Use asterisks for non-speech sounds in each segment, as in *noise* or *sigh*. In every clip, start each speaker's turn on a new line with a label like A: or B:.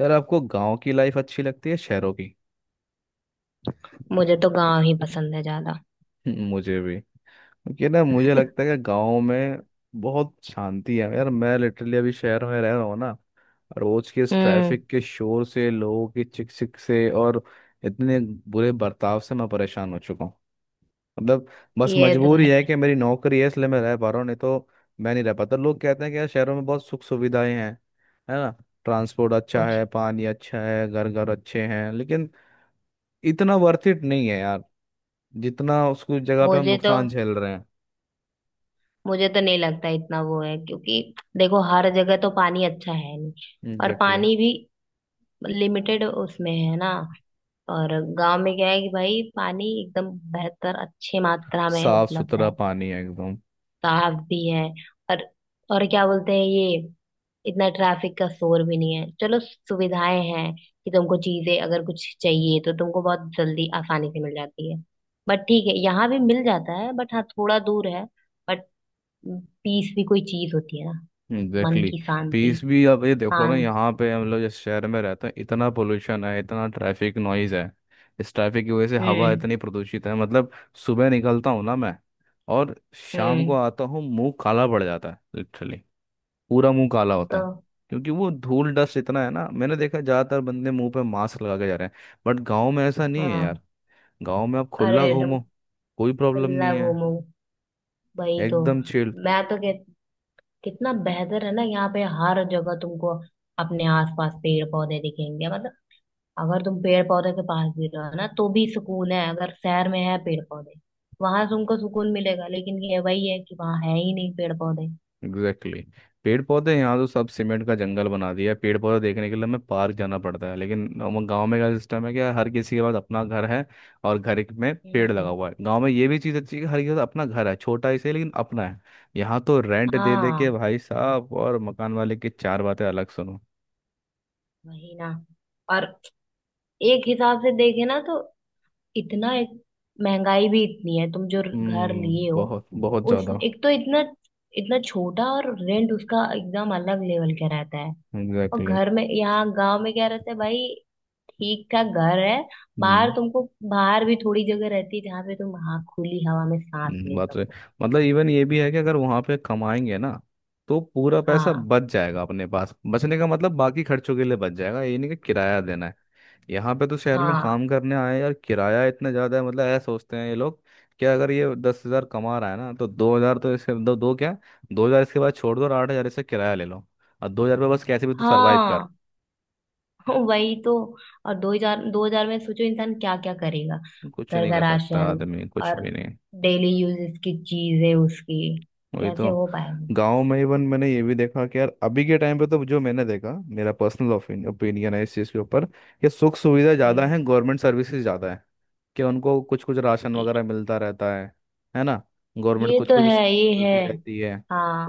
A: यार आपको गांव की लाइफ अच्छी लगती है शहरों की?
B: मुझे तो गांव ही पसंद है ज्यादा।
A: *laughs* मुझे भी, क्योंकि ना मुझे लगता है कि गांव में बहुत शांति है यार. मैं लिटरली अभी शहर में रह रहा हूँ ना. रोज के इस
B: हम्म।
A: ट्रैफिक के शोर से, लोगों की चिक चिक से, और इतने बुरे बर्ताव से मैं परेशान हो चुका हूँ. मतलब बस
B: ये तो
A: मजबूरी
B: है।
A: है कि मेरी नौकरी है, इसलिए मैं रह पा रहा हूँ, नहीं तो मैं नहीं रह पाता. लोग कहते हैं कि यार शहरों में बहुत सुख सुविधाएं हैं, है ना. ट्रांसपोर्ट अच्छा
B: कुछ।
A: है, पानी अच्छा है, घर घर अच्छे हैं, लेकिन इतना वर्थ इट नहीं है यार. जितना उसको जगह पे हम
B: मुझे तो
A: नुकसान झेल रहे हैं.
B: मुझे तो नहीं लगता इतना वो है, क्योंकि देखो हर जगह तो पानी अच्छा है नहीं। और
A: एग्जैक्टली.
B: पानी भी लिमिटेड उसमें है ना। और गांव में क्या है कि भाई पानी एकदम बेहतर अच्छे मात्रा में
A: साफ
B: उपलब्ध
A: सुथरा
B: है।
A: पानी है एकदम.
B: साफ भी है। और क्या बोलते हैं ये, इतना ट्रैफिक का शोर भी नहीं है। चलो, सुविधाएं हैं कि तुमको चीजें अगर कुछ चाहिए तो तुमको बहुत जल्दी आसानी से मिल जाती है। बट ठीक है, यहाँ भी मिल जाता है, बट हाँ थोड़ा दूर है। बट पीस भी कोई चीज होती है ना। मन
A: एग्जैक्टली.
B: की शांति।
A: पीस भी. अब ये देखो ना,
B: शांत।
A: यहाँ पे हम लोग जिस शहर में रहते हैं, इतना पोल्यूशन है, इतना ट्रैफिक नॉइज है. इस ट्रैफिक की वजह से हवा
B: हम्म।
A: इतनी प्रदूषित है. मतलब सुबह निकलता हूँ ना मैं, और शाम को
B: हम्म।
A: आता हूँ, मुंह काला पड़ जाता है लिटरली. पूरा मुंह काला
B: तो
A: होता है. क्योंकि वो धूल डस्ट इतना है ना. मैंने देखा ज्यादातर बंदे मुंह पे मास्क लगा के जा रहे हैं. बट गांव में ऐसा नहीं है
B: हाँ।
A: यार. गांव में आप
B: अरे,
A: खुला
B: एकदम।
A: घूमो, कोई प्रॉब्लम
B: कल्ला
A: नहीं है.
B: घूमो। भाई तो
A: एकदम चिल.
B: मैं तो कह, कितना बेहतर है ना। यहाँ पे हर जगह तुमको अपने आसपास पेड़ पौधे दिखेंगे, मतलब अगर तुम पेड़ पौधे के पास भी रहो ना तो भी सुकून है। अगर शहर में है पेड़ पौधे, वहां तुमको सुकून मिलेगा, लेकिन ये वही है कि वहां है ही नहीं पेड़ पौधे।
A: Exactly exactly. पेड़ पौधे यहाँ तो सब सीमेंट का जंगल बना दिया है. पेड़ पौधे देखने के लिए हमें पार्क जाना पड़ता है, लेकिन गांव में क्या सिस्टम है कि हर किसी के पास अपना घर है, और घर में पेड़ लगा
B: हम्म।
A: हुआ है. गांव में ये भी चीज़ अच्छी है कि हर किसी के पास अपना घर है, छोटा ही सही, लेकिन अपना है. यहाँ तो रेंट दे दे के
B: हाँ।
A: भाई साहब, और मकान वाले की चार बातें अलग सुनो.
B: वही ना। और एक हिसाब से देखे ना तो इतना, एक महंगाई भी इतनी है। तुम जो घर
A: हम्म,
B: लिए हो
A: बहुत बहुत
B: उस,
A: ज़्यादा.
B: एक तो इतना इतना छोटा, और रेंट उसका एकदम अलग लेवल का रहता है। और
A: एग्जैक्टली exactly.
B: घर में यहाँ गांव में क्या रहता है भाई, ठीक ठाक घर है। बाहर
A: हम्म.
B: तुमको, बाहर भी थोड़ी जगह रहती है जहाँ पे तुम, हाँ, खुली हवा में सांस ले
A: बात रहे.
B: सको।
A: मतलब इवन ये भी है कि अगर वहां पे कमाएंगे ना, तो पूरा पैसा
B: हाँ।
A: बच जाएगा अपने पास. बचने का मतलब बाकी खर्चों के लिए बच जाएगा, ये नहीं कि किराया देना है. यहाँ पे तो शहर में
B: हाँ।
A: काम करने आए हैं यार, किराया इतना ज्यादा है. मतलब ऐसा सोचते हैं ये लोग, कि अगर ये 10,000 कमा रहा है ना, तो 2,000 तो इसके, दो, दो क्या, 2,000 इसके बाद छोड़ दो, और 8,000 इससे किराया ले लो, और 2,000 पे बस कैसे भी तू सरवाइव कर.
B: हाँ। वही तो। और दो हजार, दो हजार में सोचो इंसान क्या क्या करेगा।
A: कुछ
B: घर
A: नहीं
B: का
A: कर सकता
B: राशन,
A: आदमी कुछ
B: और
A: भी.
B: डेली यूजेस की चीजें उसकी
A: वही
B: कैसे
A: तो.
B: हो पाएगा।
A: गांव में इवन मैंने ये भी देखा कि यार, अभी के टाइम पे तो, जो मैंने देखा, मेरा पर्सनल ओपिनियन है इस चीज़ के ऊपर, कि सुख सुविधा ज़्यादा
B: हम्म।
A: है, गवर्नमेंट सर्विसेज ज़्यादा है, कि उनको कुछ कुछ राशन
B: ये।
A: वगैरह मिलता रहता है ना, गवर्नमेंट
B: ये
A: कुछ
B: तो है।
A: कुछ
B: ये है।
A: मिलती रहती है.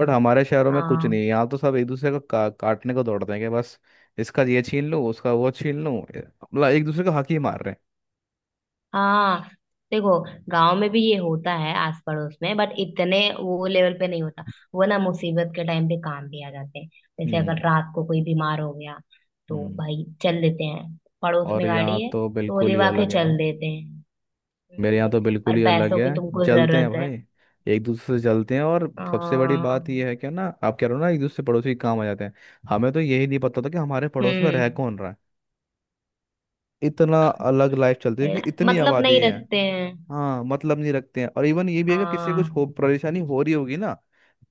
A: बट हमारे शहरों में कुछ नहीं
B: हाँ।
A: है. यहाँ तो सब एक दूसरे को काटने को दौड़ते हैं, कि बस इसका ये छीन लूँ, उसका वो छीन लूँ, मतलब एक दूसरे का हक ही मार रहे हैं.
B: हाँ। देखो, गांव में भी ये होता है आस पड़ोस में, बट इतने वो लेवल पे नहीं होता। वो ना मुसीबत के टाइम पे काम भी आ जाते हैं। जैसे
A: हम्म.
B: अगर रात को कोई बीमार हो गया तो
A: हम्म.
B: भाई चल देते हैं। पड़ोस
A: और
B: में
A: यहाँ
B: गाड़ी है
A: तो
B: तो
A: बिल्कुल ही
B: लेवा के
A: अलग है.
B: चल देते हैं।
A: मेरे यहाँ
B: हम्म।
A: तो बिल्कुल
B: और
A: ही अलग
B: पैसों की
A: है,
B: तुमको
A: जलते हैं
B: जरूरत है।
A: भाई, एक दूसरे से जलते हैं. और सबसे बड़ी
B: हाँ।
A: बात यह है कि ना, आप कह रहे हो ना एक दूसरे पड़ोसी के काम आ जाते हैं, हमें तो यही नहीं पता था कि हमारे पड़ोस में रह
B: हम्म।
A: कौन रहा है. इतना अलग लाइफ चलती है,
B: है
A: कि
B: ना?
A: इतनी
B: मतलब
A: आबादी
B: नहीं
A: है.
B: रखते हैं।
A: हाँ, मतलब नहीं रखते हैं. और इवन ये भी है कि किसी को कुछ हो,
B: हाँ।
A: परेशानी हो रही होगी ना,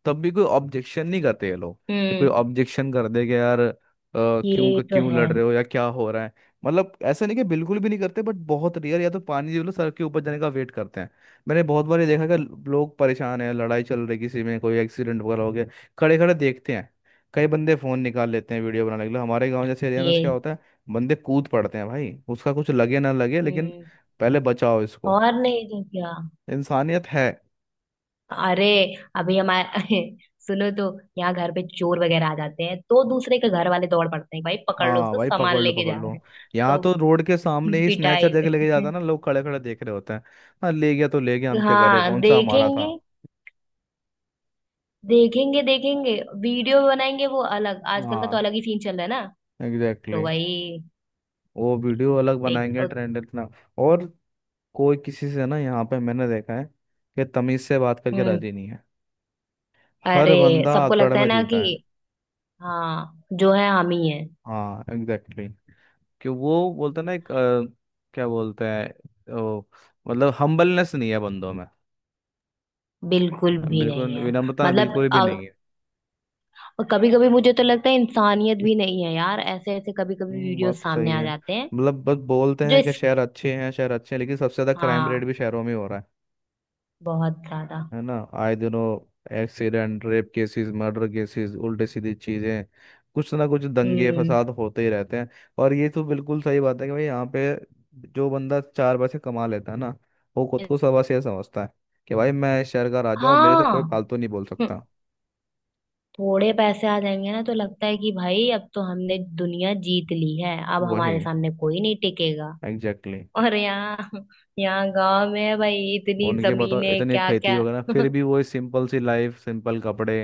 A: तब भी कोई ऑब्जेक्शन नहीं करते ये लोग, कि कोई
B: हम्म।
A: ऑब्जेक्शन कर दे, कि यार
B: ये तो
A: क्यों
B: है।
A: लड़ रहे हो या क्या हो रहा है. मतलब ऐसा नहीं कि बिल्कुल भी नहीं करते, बट बहुत रेयर, या तो पानी जी लो सर के ऊपर जाने का वेट करते हैं. मैंने बहुत बार ये देखा कि लोग परेशान हैं, लड़ाई चल रही, किसी में कोई एक्सीडेंट वगैरह हो गया, खड़े खड़े देखते हैं, कई बंदे फोन निकाल लेते हैं वीडियो बनाने के लिए. हमारे गांव जैसे एरिया में क्या
B: ये।
A: होता है, बंदे कूद पड़ते हैं भाई, उसका कुछ लगे ना लगे, लेकिन
B: हम्म।
A: पहले बचाओ इसको.
B: और नहीं तो क्या।
A: इंसानियत है.
B: अरे अभी हमारे *laughs* सुनो तो, यहाँ घर पे चोर वगैरह आ जाते हैं तो दूसरे के घर वाले दौड़ पड़ते हैं, भाई पकड़ लो
A: हाँ
B: उसको,
A: भाई
B: सामान
A: पकड़ लो,
B: लेके जा
A: पकड़
B: रहा
A: लो.
B: है।
A: यहाँ
B: तो
A: तो रोड के सामने ही स्नेचर
B: पिटाई।
A: जगह लेके जाता है ना, लोग खड़े खड़े देख रहे होते हैं, हाँ ले गया तो ले गया, हम
B: *laughs*
A: क्या करें,
B: हाँ,
A: कौन सा हमारा था.
B: देखेंगे। देखेंगे, देखेंगे। वीडियो बनाएंगे वो अलग, आजकल का तो
A: हाँ.
B: अलग ही सीन चल रहा है ना।
A: एग्जैक्टली
B: तो
A: exactly.
B: भाई।
A: वो वीडियो अलग
B: देख
A: बनाएंगे,
B: अ,
A: ट्रेंड इतना. और कोई किसी से ना, यहाँ पे मैंने देखा है कि तमीज से बात करके
B: हम्म।
A: राजी नहीं है. हर
B: अरे,
A: बंदा
B: सबको
A: अकड़
B: लगता है
A: में
B: ना
A: जीता
B: कि
A: है.
B: हाँ जो है हम ही हैं।
A: हाँ एग्जैक्टली exactly. कि वो बोलते हैं ना एक क्या बोलते हैं मतलब हम्बलनेस नहीं है बंदों में.
B: बिल्कुल भी नहीं
A: बिल्कुल
B: है।
A: विनम्रता
B: मतलब।
A: बिल्कुल भी नहीं है.
B: और कभी कभी मुझे तो लगता है इंसानियत भी नहीं है यार, ऐसे ऐसे कभी कभी वीडियो
A: बात तो
B: सामने
A: सही
B: आ
A: है.
B: जाते हैं।
A: मतलब बस बोलते
B: जो
A: हैं कि
B: इस
A: शहर अच्छे हैं, शहर अच्छे हैं, लेकिन सबसे ज्यादा क्राइम रेट
B: हाँ,
A: भी शहरों में हो रहा है
B: बहुत ज्यादा।
A: है ना, आए दिनों accident, rape cases, murder cases, उल्टे सीधी चीजें, कुछ ना कुछ दंगे
B: हम्म।
A: फसाद होते ही रहते हैं. और ये तो बिल्कुल सही बात है कि भाई यहाँ पे जो बंदा चार पैसे कमा लेता है ना, वो खुद को सवा से समझता है, कि भाई मैं इस शहर का राजा हूँ, मेरे से
B: हाँ।
A: कोई फालतू नहीं बोल
B: हम्म।
A: सकता.
B: थोड़े पैसे आ जाएंगे ना तो लगता है कि भाई अब तो हमने दुनिया जीत ली है, अब हमारे
A: वही.
B: सामने कोई नहीं टिकेगा।
A: एग्जैक्टली.
B: और यहाँ यहाँ गांव में है भाई इतनी
A: उनके बताओ
B: जमीनें,
A: इतनी
B: क्या
A: खेती
B: क्या।
A: वगैरह, फिर भी वही सिंपल सी लाइफ, सिंपल कपड़े,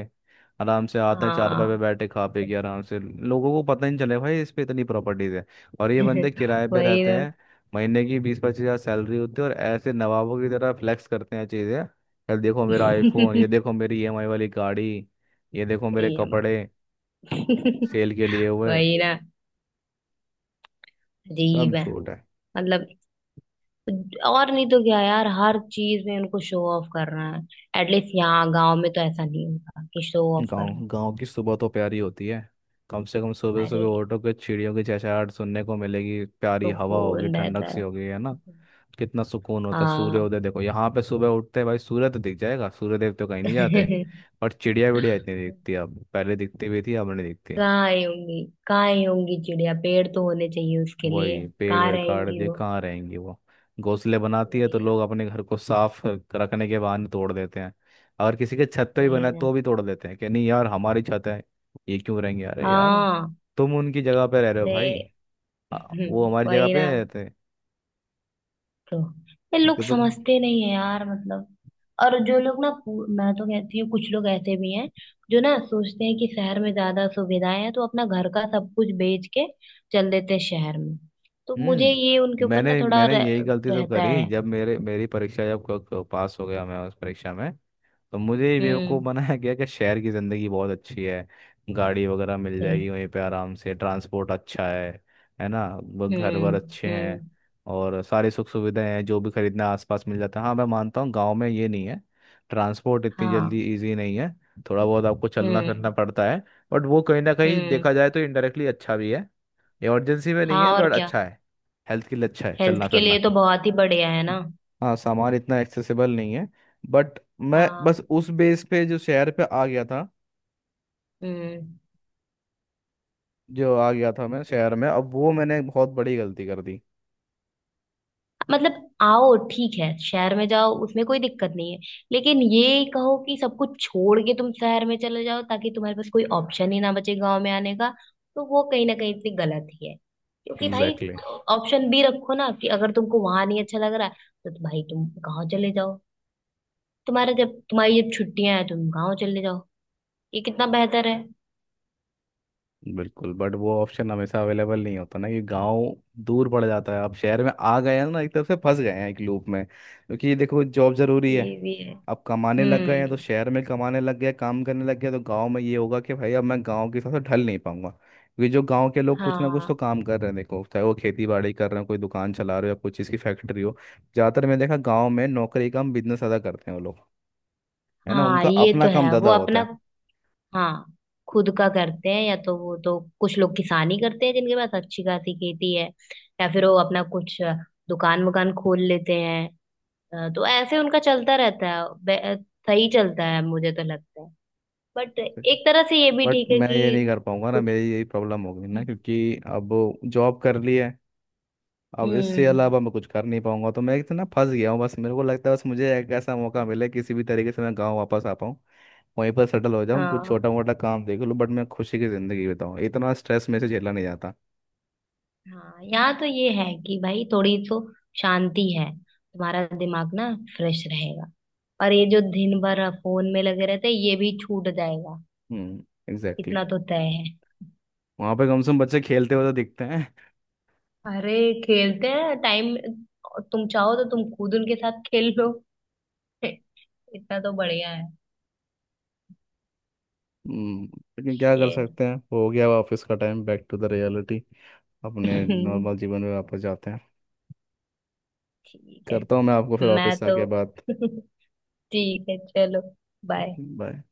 A: आराम से आते हैं चारपाई
B: हाँ।
A: पे बैठे खा पी के
B: *laughs*
A: आराम से, लोगों को पता ही नहीं चले भाई इस पे इतनी प्रॉपर्टीज है. और ये बंदे किराए पे
B: वही
A: रहते
B: ना।
A: हैं, महीने की 20-25 हजार सैलरी होती है, और ऐसे नवाबों की तरह फ्लेक्स करते हैं चीज़ें. यार देखो मेरा आईफोन, ये
B: *laughs*
A: देखो मेरी ईएमआई वाली गाड़ी, ये देखो मेरे
B: ये
A: कपड़े
B: हमारा।
A: सेल के
B: *laughs*
A: लिए हुए.
B: वही ना।
A: सब
B: अजीब है।
A: झूठ है.
B: मतलब, और नहीं तो क्या यार, हर चीज में उनको शो ऑफ करना है। एटलीस्ट यहाँ गांव में तो ऐसा नहीं होता कि शो ऑफ
A: गांव
B: करना
A: गांव की सुबह तो प्यारी होती है. कम से कम सुबह
B: है।
A: सुबह
B: अरे
A: उठोगे, चिड़ियों की चहचहाहट सुनने को मिलेगी, प्यारी
B: तो
A: हवा होगी,
B: कौन रहता
A: ठंडक सी
B: है।
A: होगी, है ना. कितना सुकून होता है.
B: हाँ।
A: सूर्योदय देखो, यहाँ पे सुबह उठते हैं भाई, सूर्य तो दिख जाएगा, सूर्यदेव तो कहीं नहीं जाते.
B: *laughs*
A: और चिड़िया विड़िया इतनी दिखती है. अब पहले दिखती भी थी, अब नहीं दिखती.
B: कहाँ ही होंगी, कहाँ ही होंगी चिड़िया, पेड़ तो होने चाहिए उसके लिए,
A: वही. पेड़
B: कहाँ
A: वेड़ काट
B: रहेंगी
A: दिए,
B: वो।
A: कहाँ रहेंगी वो. घोंसले बनाती है तो
B: वही ना।
A: लोग अपने घर को साफ रखने के बहाने तोड़ देते हैं. अगर किसी के छत पे भी बना
B: वही
A: है
B: ना।
A: तो भी तोड़ देते हैं, कि नहीं यार हमारी छत है, ये क्यों रहेंगे. अरे यार,
B: हाँ।
A: तुम उनकी जगह पे रह रहे हो भाई.
B: अरे।
A: आ, वो
B: *laughs*
A: हमारी जगह
B: वही
A: पे
B: ना।
A: रहते हैं.
B: तो ये लोग
A: उनके तो.
B: समझते नहीं है यार, मतलब। और जो लोग ना मैं तो कहती हूँ, कुछ लोग ऐसे भी हैं जो ना सोचते हैं कि शहर में ज्यादा सुविधाएं हैं तो अपना घर का सब कुछ बेच के चल देते हैं शहर में। तो मुझे ये
A: हम्म.
B: उनके ऊपर ना
A: मैंने
B: थोड़ा
A: मैंने यही गलती तो
B: रहता
A: करी.
B: है।
A: जब मेरे मेरी परीक्षा, जब पास हो गया मैं उस परीक्षा में, तो मुझे ये बेवकूफ़
B: हम्म।
A: बनाया गया कि शहर की ज़िंदगी बहुत अच्छी है, गाड़ी वगैरह मिल
B: बिल-
A: जाएगी वहीं पे आराम से, ट्रांसपोर्ट अच्छा है ना, घर वर
B: हम्म।
A: अच्छे हैं,
B: हम्म।
A: और सारी सुख सुविधाएं हैं, जो भी खरीदना आसपास मिल जाता है. हाँ मैं मानता हूँ गांव में ये नहीं है, ट्रांसपोर्ट इतनी
B: हाँ।
A: जल्दी इजी नहीं है, थोड़ा बहुत आपको चलना
B: हम्म।
A: फिरना पड़ता है, बट वो कहीं ना कहीं
B: हम्म।
A: देखा जाए तो इनडायरेक्टली अच्छा भी है. इमरजेंसी में नहीं
B: हाँ,
A: है
B: और
A: बट
B: क्या।
A: अच्छा है. हेल्थ के लिए अच्छा है चलना
B: हेल्थ के
A: फिरना.
B: लिए तो बहुत ही बढ़िया है ना।
A: हाँ सामान इतना एक्सेसिबल नहीं है, बट मैं
B: हाँ।
A: बस उस बेस पे जो शहर पे आ गया था,
B: हम्म।
A: जो आ गया था मैं शहर में, अब वो मैंने बहुत बड़ी गलती कर दी.
B: मतलब, आओ ठीक है शहर में जाओ, उसमें कोई दिक्कत नहीं है, लेकिन ये कहो कि सब कुछ छोड़ के तुम शहर में चले जाओ ताकि तुम्हारे पास कोई ऑप्शन ही ना बचे गांव में आने का, तो वो कहीं ना कहीं से गलत ही है। क्योंकि भाई,
A: एग्जैक्टली.
B: ऑप्शन भी रखो ना कि अगर तुमको वहां नहीं अच्छा लग रहा है, तो भाई तुम गाँव चले जाओ। तुम्हारा जब तुम्हारी जब छुट्टियां हैं तुम गाँव चले जाओ। ये कितना बेहतर है।
A: बिल्कुल, बट वो ऑप्शन हमेशा अवेलेबल नहीं होता ना, कि गांव दूर पड़ जाता है. अब शहर में आ गए हैं ना, एक तरफ से फंस गए हैं एक लूप में, क्योंकि देखो जॉब जरूरी है.
B: ये भी है।
A: अब कमाने लग गए हैं तो
B: हम्म।
A: शहर में कमाने लग गए, काम करने लग गए, तो गांव में ये होगा कि भाई अब मैं गांव के हिसाब से ढल नहीं पाऊंगा, क्योंकि जो गांव के लोग कुछ ना कुछ
B: हाँ।
A: तो काम कर रहे हैं, देखो चाहे वो खेती बाड़ी कर रहे हैं, कोई दुकान चला रहे हो, या कोई चीज़ की फैक्ट्री हो. ज़्यादातर मैंने देखा गाँव में नौकरी कम, बिजनेस ज़्यादा करते हैं वो लोग, है ना,
B: हाँ,
A: उनका
B: ये
A: अपना
B: तो
A: काम
B: है।
A: ज़्यादा
B: वो अपना,
A: होता
B: हाँ, खुद का करते हैं। या तो वो तो कुछ लोग किसानी करते हैं जिनके पास अच्छी खासी खेती है। या फिर वो अपना कुछ दुकान वुकान खोल लेते हैं। तो ऐसे उनका चलता रहता है। सही चलता है, मुझे तो लगता है। बट
A: है.
B: एक तरह से ये भी
A: बट
B: ठीक है
A: मैं ये नहीं
B: कि,
A: कर पाऊंगा ना,
B: कुछ।
A: मेरी यही प्रॉब्लम हो गई ना, क्योंकि अब जॉब कर ली है. अब इससे
B: हम्म।
A: अलावा मैं कुछ कर नहीं पाऊंगा, तो मैं इतना फंस गया हूँ. बस मेरे को लगता है, बस मुझे एक ऐसा मौका मिले किसी भी तरीके से मैं गांव वापस आ पाऊँ, वहीं पर सेटल हो जाऊँ, कुछ
B: हाँ।
A: छोटा मोटा काम देख लूँ, बट मैं खुशी की ज़िंदगी बिताऊँ. इतना स्ट्रेस में से झेला नहीं जाता.
B: हाँ, यहाँ तो ये है कि भाई थोड़ी तो शांति है। तुम्हारा दिमाग ना फ्रेश रहेगा, और ये जो दिन भर फोन में लगे रहते हैं ये भी छूट जाएगा।
A: हम्म एग्जैक्टली exactly.
B: इतना तो तय है।
A: वहाँ पे कम से कम बच्चे खेलते हुए तो दिखते हैं.
B: अरे। खेलते हैं टाइम, तुम चाहो तो तुम खुद उनके साथ खेल लो। *laughs* इतना तो बढ़िया है।
A: हम्म, लेकिन क्या कर
B: खेल।
A: सकते हैं, हो गया ऑफिस का time, back to the reality. अपने नॉर्मल
B: *laughs*
A: जीवन में वापस जाते हैं.
B: ठीक है।
A: करता हूँ मैं आपको फिर
B: मैं
A: ऑफिस से
B: तो
A: आके बात.
B: *laughs* ठीक है, चलो। बाय।
A: Okay bye.